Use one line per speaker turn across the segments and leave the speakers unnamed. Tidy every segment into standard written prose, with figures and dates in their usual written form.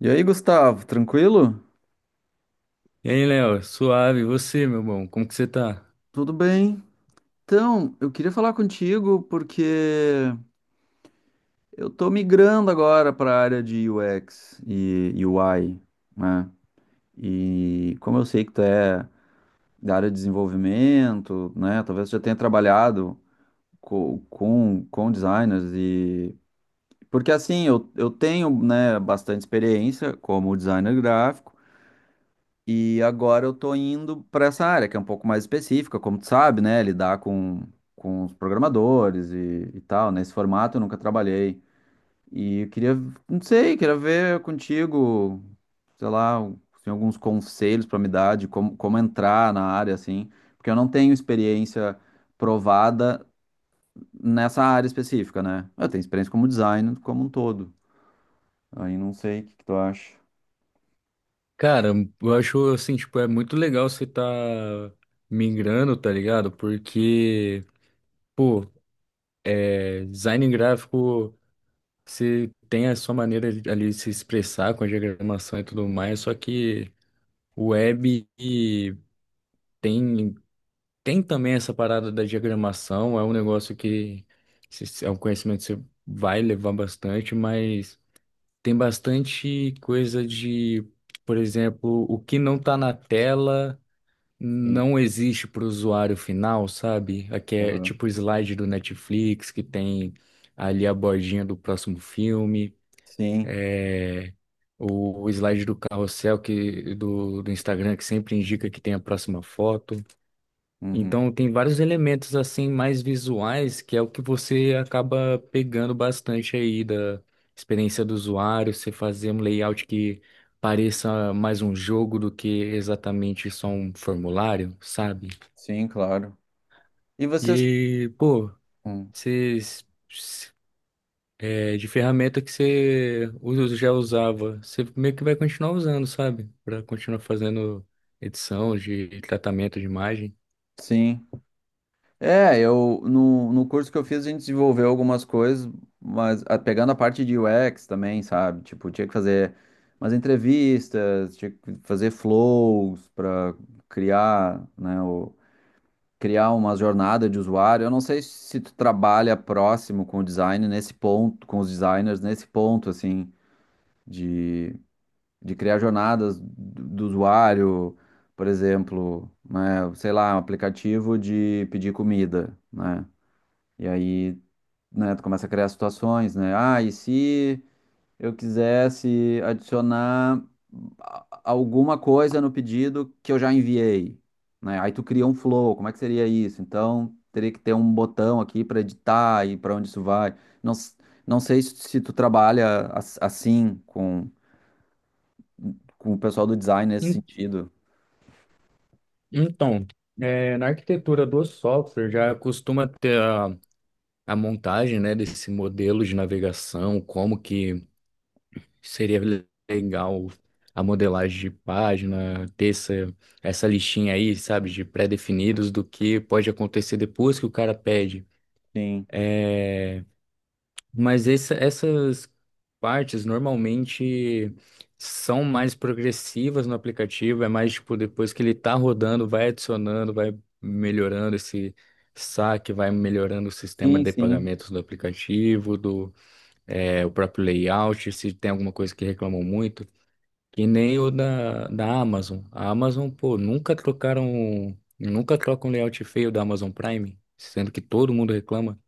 E aí, Gustavo, tranquilo?
E aí, Léo, suave, e você, meu bom, como que você tá?
Tudo bem? Então, eu queria falar contigo porque eu tô migrando agora para a área de UX e UI, né? E como eu sei que tu é da área de desenvolvimento, né? Talvez tu já tenha trabalhado com designers e... Porque assim, eu tenho, né, bastante experiência como designer gráfico. E agora eu tô indo para essa área, que é um pouco mais específica, como tu sabe, né? Lidar com os programadores e tal. Nesse formato eu nunca trabalhei. E eu queria, não sei, queria ver contigo, sei lá, tem alguns conselhos para me dar de como entrar na área, assim. Porque eu não tenho experiência provada nessa área específica, né? Eu tenho experiência como designer como um todo. Aí não sei o que, que tu acha.
Cara, eu acho assim, tipo, é muito legal você tá migrando, tá ligado? Porque, pô, é, design gráfico, você tem a sua maneira ali de se expressar com a diagramação e tudo mais, só que o web e tem, tem também essa parada da diagramação, é um negócio que é um conhecimento que você vai levar bastante, mas. Tem bastante coisa de, por exemplo, o que não tá na tela
Sim.
não existe para o usuário final, sabe? Aqui é
Aham.
tipo o slide do Netflix que tem ali a bordinha do próximo filme,
Sim,
é, o slide do carrossel que, do Instagram que sempre indica que tem a próxima foto.
uhum.
Então tem vários elementos assim mais visuais que é o que você acaba pegando bastante aí da experiência do usuário, você fazer um layout que pareça mais um jogo do que exatamente só um formulário, sabe?
Sim, claro. E vocês.
E, pô,
Hum.
vocês é, de ferramenta que você já usava, você meio que vai continuar usando, sabe? Para continuar fazendo edição de tratamento de imagem.
Sim. É, eu no curso que eu fiz a gente desenvolveu algumas coisas, mas pegando a parte de UX também, sabe? Tipo, tinha que fazer umas entrevistas, tinha que fazer flows para criar, né, criar uma jornada de usuário. Eu não sei se tu trabalha próximo com o design nesse ponto, com os designers nesse ponto assim de de criar jornadas do usuário, por exemplo, né, sei lá, um aplicativo de pedir comida, né? E aí, né, tu começa a criar situações, né? Ah, e se eu quisesse adicionar alguma coisa no pedido que eu já enviei, né? Aí tu cria um flow, como é que seria isso? Então, teria que ter um botão aqui para editar e para onde isso vai. Não, não sei se tu trabalha assim com o pessoal do design nesse sentido.
Então, na arquitetura do software já costuma ter a montagem, né, desse modelo de navegação, como que seria legal a modelagem de página, ter essa, essa listinha aí, sabe, de pré-definidos do que pode acontecer depois que o cara pede.
Sim,
Mas essas partes normalmente são mais progressivas no aplicativo, é mais tipo depois que ele tá rodando, vai adicionando, vai melhorando esse saque, vai melhorando o sistema
sim,
de
sim.
pagamentos do aplicativo, do é, o próprio layout, se tem alguma coisa que reclamam muito, que nem da Amazon. A Amazon, pô, nunca trocaram, nunca trocam um layout feio da Amazon Prime, sendo que todo mundo reclama,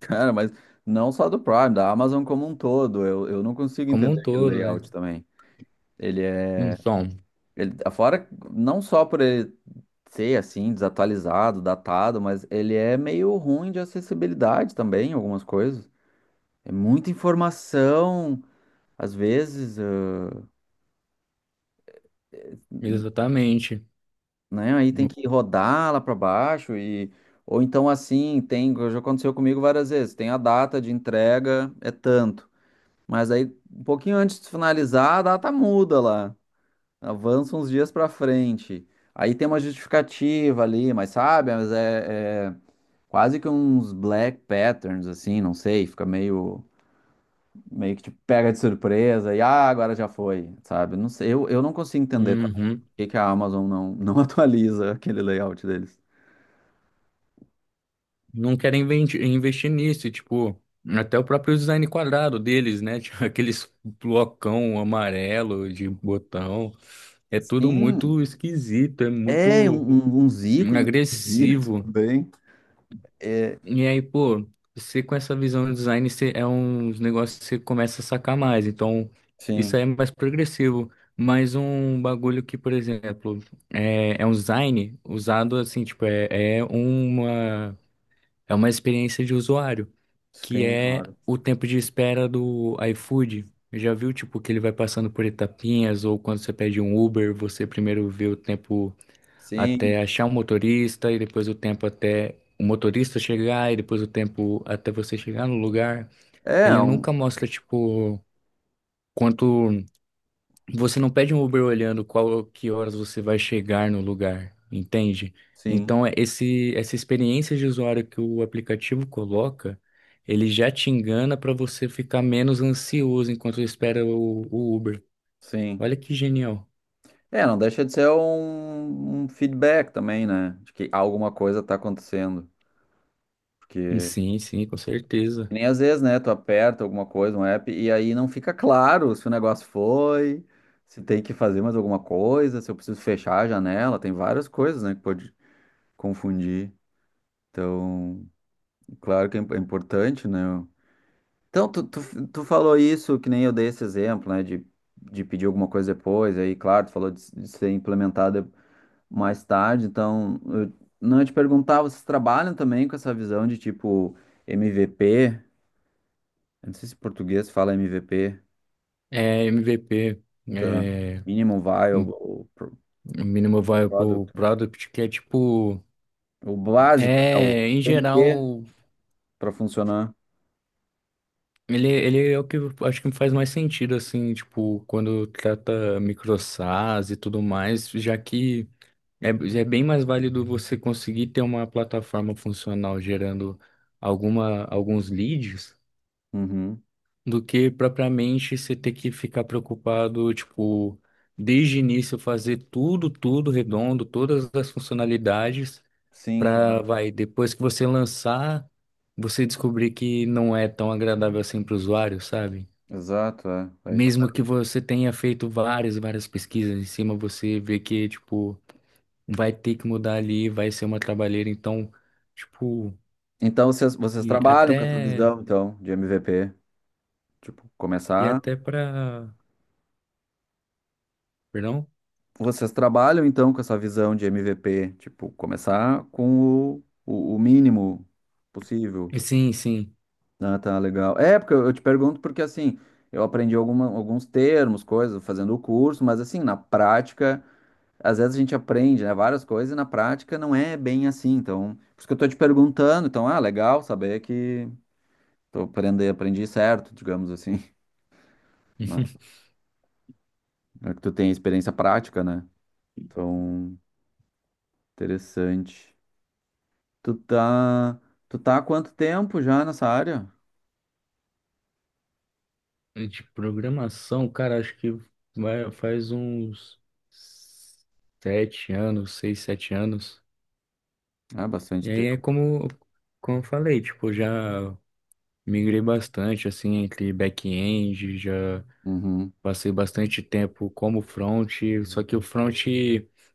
Cara, mas não só do Prime, da Amazon como um todo. Eu não consigo
como um
entender aquele
todo, né?
layout também. Ele é.
Então.
Ele, fora, não só por ele ser assim, desatualizado, datado, mas ele é meio ruim de acessibilidade também, algumas coisas. É muita informação, às vezes,
Exatamente.
né? Aí tem que rodar lá para baixo e. Ou então assim, tem, já aconteceu comigo várias vezes, tem a data de entrega, é tanto. Mas aí, um pouquinho antes de finalizar, a data muda lá. Avança uns dias pra frente. Aí tem uma justificativa ali, mas sabe? Mas é quase que uns black patterns, assim, não sei. Fica meio que te pega de surpresa e agora já foi, sabe? Não sei, eu não consigo entender também por
Uhum.
que que a Amazon não, não atualiza aquele layout deles.
Não querem investir nisso, e, tipo, até o próprio design quadrado deles, né? Tipo, aqueles blocão amarelo de botão. É tudo
Sim,
muito esquisito, é
é
muito
uns ícones bonitos
agressivo.
também. É,
E aí, pô, você com essa visão de design, você, é uns negócios que você começa a sacar mais. Então, isso
sim,
aí é mais progressivo. Mas um bagulho que, por exemplo, é, é um design usado assim, tipo, É uma experiência de usuário, que
sim,
é
claro.
o tempo de espera do iFood. Já viu, tipo, que ele vai passando por etapinhas, ou quando você pede um Uber, você primeiro vê o tempo
Sim.
até achar um motorista, e depois o tempo até o motorista chegar, e depois o tempo até você chegar no lugar.
É,
Ele nunca mostra, tipo, quanto você não pede um Uber olhando qual que horas você vai chegar no lugar, entende?
Sim,
Então, é esse, essa experiência de usuário que o aplicativo coloca, ele já te engana para você ficar menos ansioso enquanto espera o Uber.
sim.
Olha que genial.
É, não deixa de ser um feedback também, né? De que alguma coisa tá acontecendo. Porque
Sim, sim, com
que
certeza.
nem às vezes, né? Tu aperta alguma coisa, um app, e aí não fica claro se o negócio foi, se tem que fazer mais alguma coisa, se eu preciso fechar a janela. Tem várias coisas, né? Que pode confundir. Então, claro que é é importante, né? Então, tu falou isso, que nem eu dei esse exemplo, né? De pedir alguma coisa depois, aí, claro, tu falou de ser implementado mais tarde. Então, eu não eu te perguntar, vocês trabalham também com essa visão de tipo MVP? Eu não sei se em português fala MVP,
É MVP,
tá?
é
Minimum Viable ou
Minimum Viable
Product.
Product, que é tipo,
O básico, né? O que
é em
tem que ter
geral
para funcionar.
ele, ele é o que eu acho que faz mais sentido, assim, tipo, quando trata microsas e tudo mais, já que é, é bem mais válido você conseguir ter uma plataforma funcional gerando alguma, alguns leads
Uhum.
do que propriamente você ter que ficar preocupado, tipo, desde o início fazer tudo, tudo redondo, todas as funcionalidades,
Sim,
para,
claro.
vai, depois que você lançar, você descobrir que não é tão agradável assim para o usuário, sabe?
Exato, é. É isso.
Mesmo que você tenha feito várias, várias pesquisas em cima, você vê que, tipo, vai ter que mudar ali, vai ser uma trabalheira, então, tipo,
Então, vocês
e
trabalham com essa
até,
visão, então, de MVP? Tipo,
e
começar.
até pra, perdão?
Vocês trabalham, então, com essa visão de MVP? Tipo, começar com o mínimo possível.
Sim, sim.
Ah, tá, legal. É, porque eu te pergunto porque, assim, eu aprendi alguns termos, coisas, fazendo o curso, mas, assim, na prática, às vezes a gente aprende, né, várias coisas e na prática não é bem assim. Então, por isso que eu tô te perguntando. Então, legal saber que tô aprendendo, aprendi certo, digamos assim. né? É que tu tem experiência prática, né? Então, interessante. Tu tá, tu tá há quanto tempo já nessa área?
De programação, cara, acho que vai, faz uns 7 anos, 6, 7 anos.
Ah, bastante
E aí é
tempo.
como, como eu falei, tipo, já migrei bastante, assim, entre back-end, já
Uhum.
passei bastante tempo como front, só que o front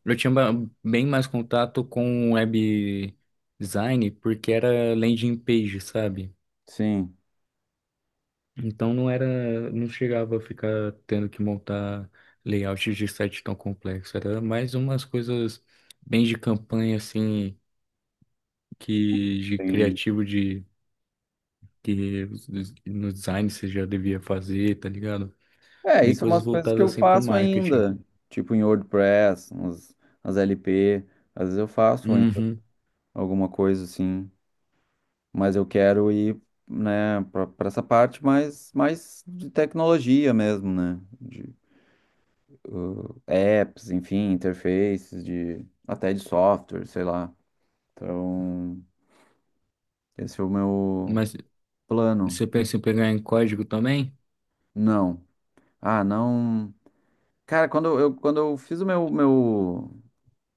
eu tinha bem mais contato com web design porque era landing page, sabe?
Sim.
Então não era, não chegava a ficar tendo que montar layouts de site tão complexo, era mais umas coisas bem de campanha assim que de
Tem
criativo de que no design você já devia fazer, tá ligado?
É,
Bem
isso é
coisas
umas coisas que
voltadas
eu
assim pro
faço
marketing.
ainda, tipo em WordPress, as LP, às vezes eu faço ainda
Uhum.
alguma coisa assim, mas eu quero ir, né, para essa parte mais de tecnologia mesmo, né, de apps, enfim, interfaces, até de software, sei lá. Então, esse é o meu
Mas
plano.
você pensa em pegar em código também?
Não. Ah, não. Cara, quando eu fiz o meu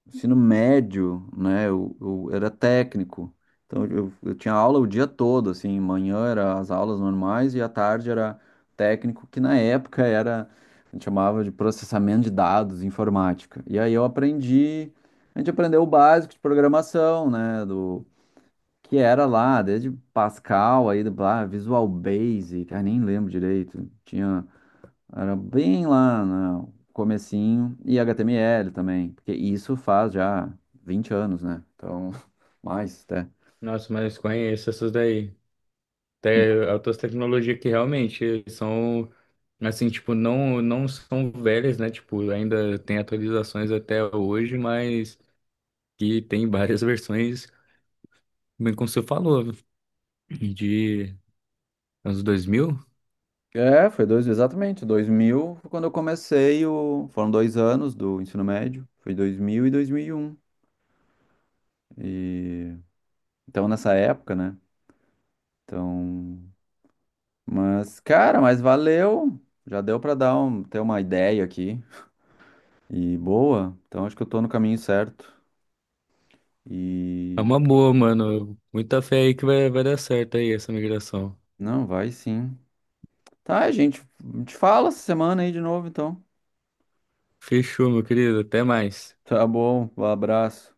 ensino médio, né? Eu era técnico, então eu tinha aula o dia todo, assim, manhã era as aulas normais e à tarde era técnico, que na época era, a gente chamava de processamento de dados, informática. E aí eu aprendi, a gente aprendeu o básico de programação, né? Do que era lá, desde Pascal aí, lá, Visual Basic, nem lembro direito, tinha era bem lá no comecinho. E HTML também, porque isso faz já 20 anos, né? Então, mais até.
Nossa, mas conheço essas daí. Até outras tecnologias que realmente são, assim, tipo, não, não são velhas, né? Tipo, ainda tem atualizações até hoje, mas que tem várias versões, bem como você falou, de anos 2000.
É, foi dois, exatamente. 2000 foi quando eu comecei o. Foram 2 anos do ensino médio. Foi 2000 e 2001. E, um. E então, nessa época, né? Então. Mas, cara, mas valeu. Já deu pra dar um, ter uma ideia aqui. E boa. Então, acho que eu tô no caminho certo.
É
E.
uma boa, mano. Muita fé aí que vai, vai dar certo aí essa migração.
Não, vai sim. Tá, gente, te fala essa semana aí de novo, então.
Fechou, meu querido. Até mais.
Tá bom, um abraço.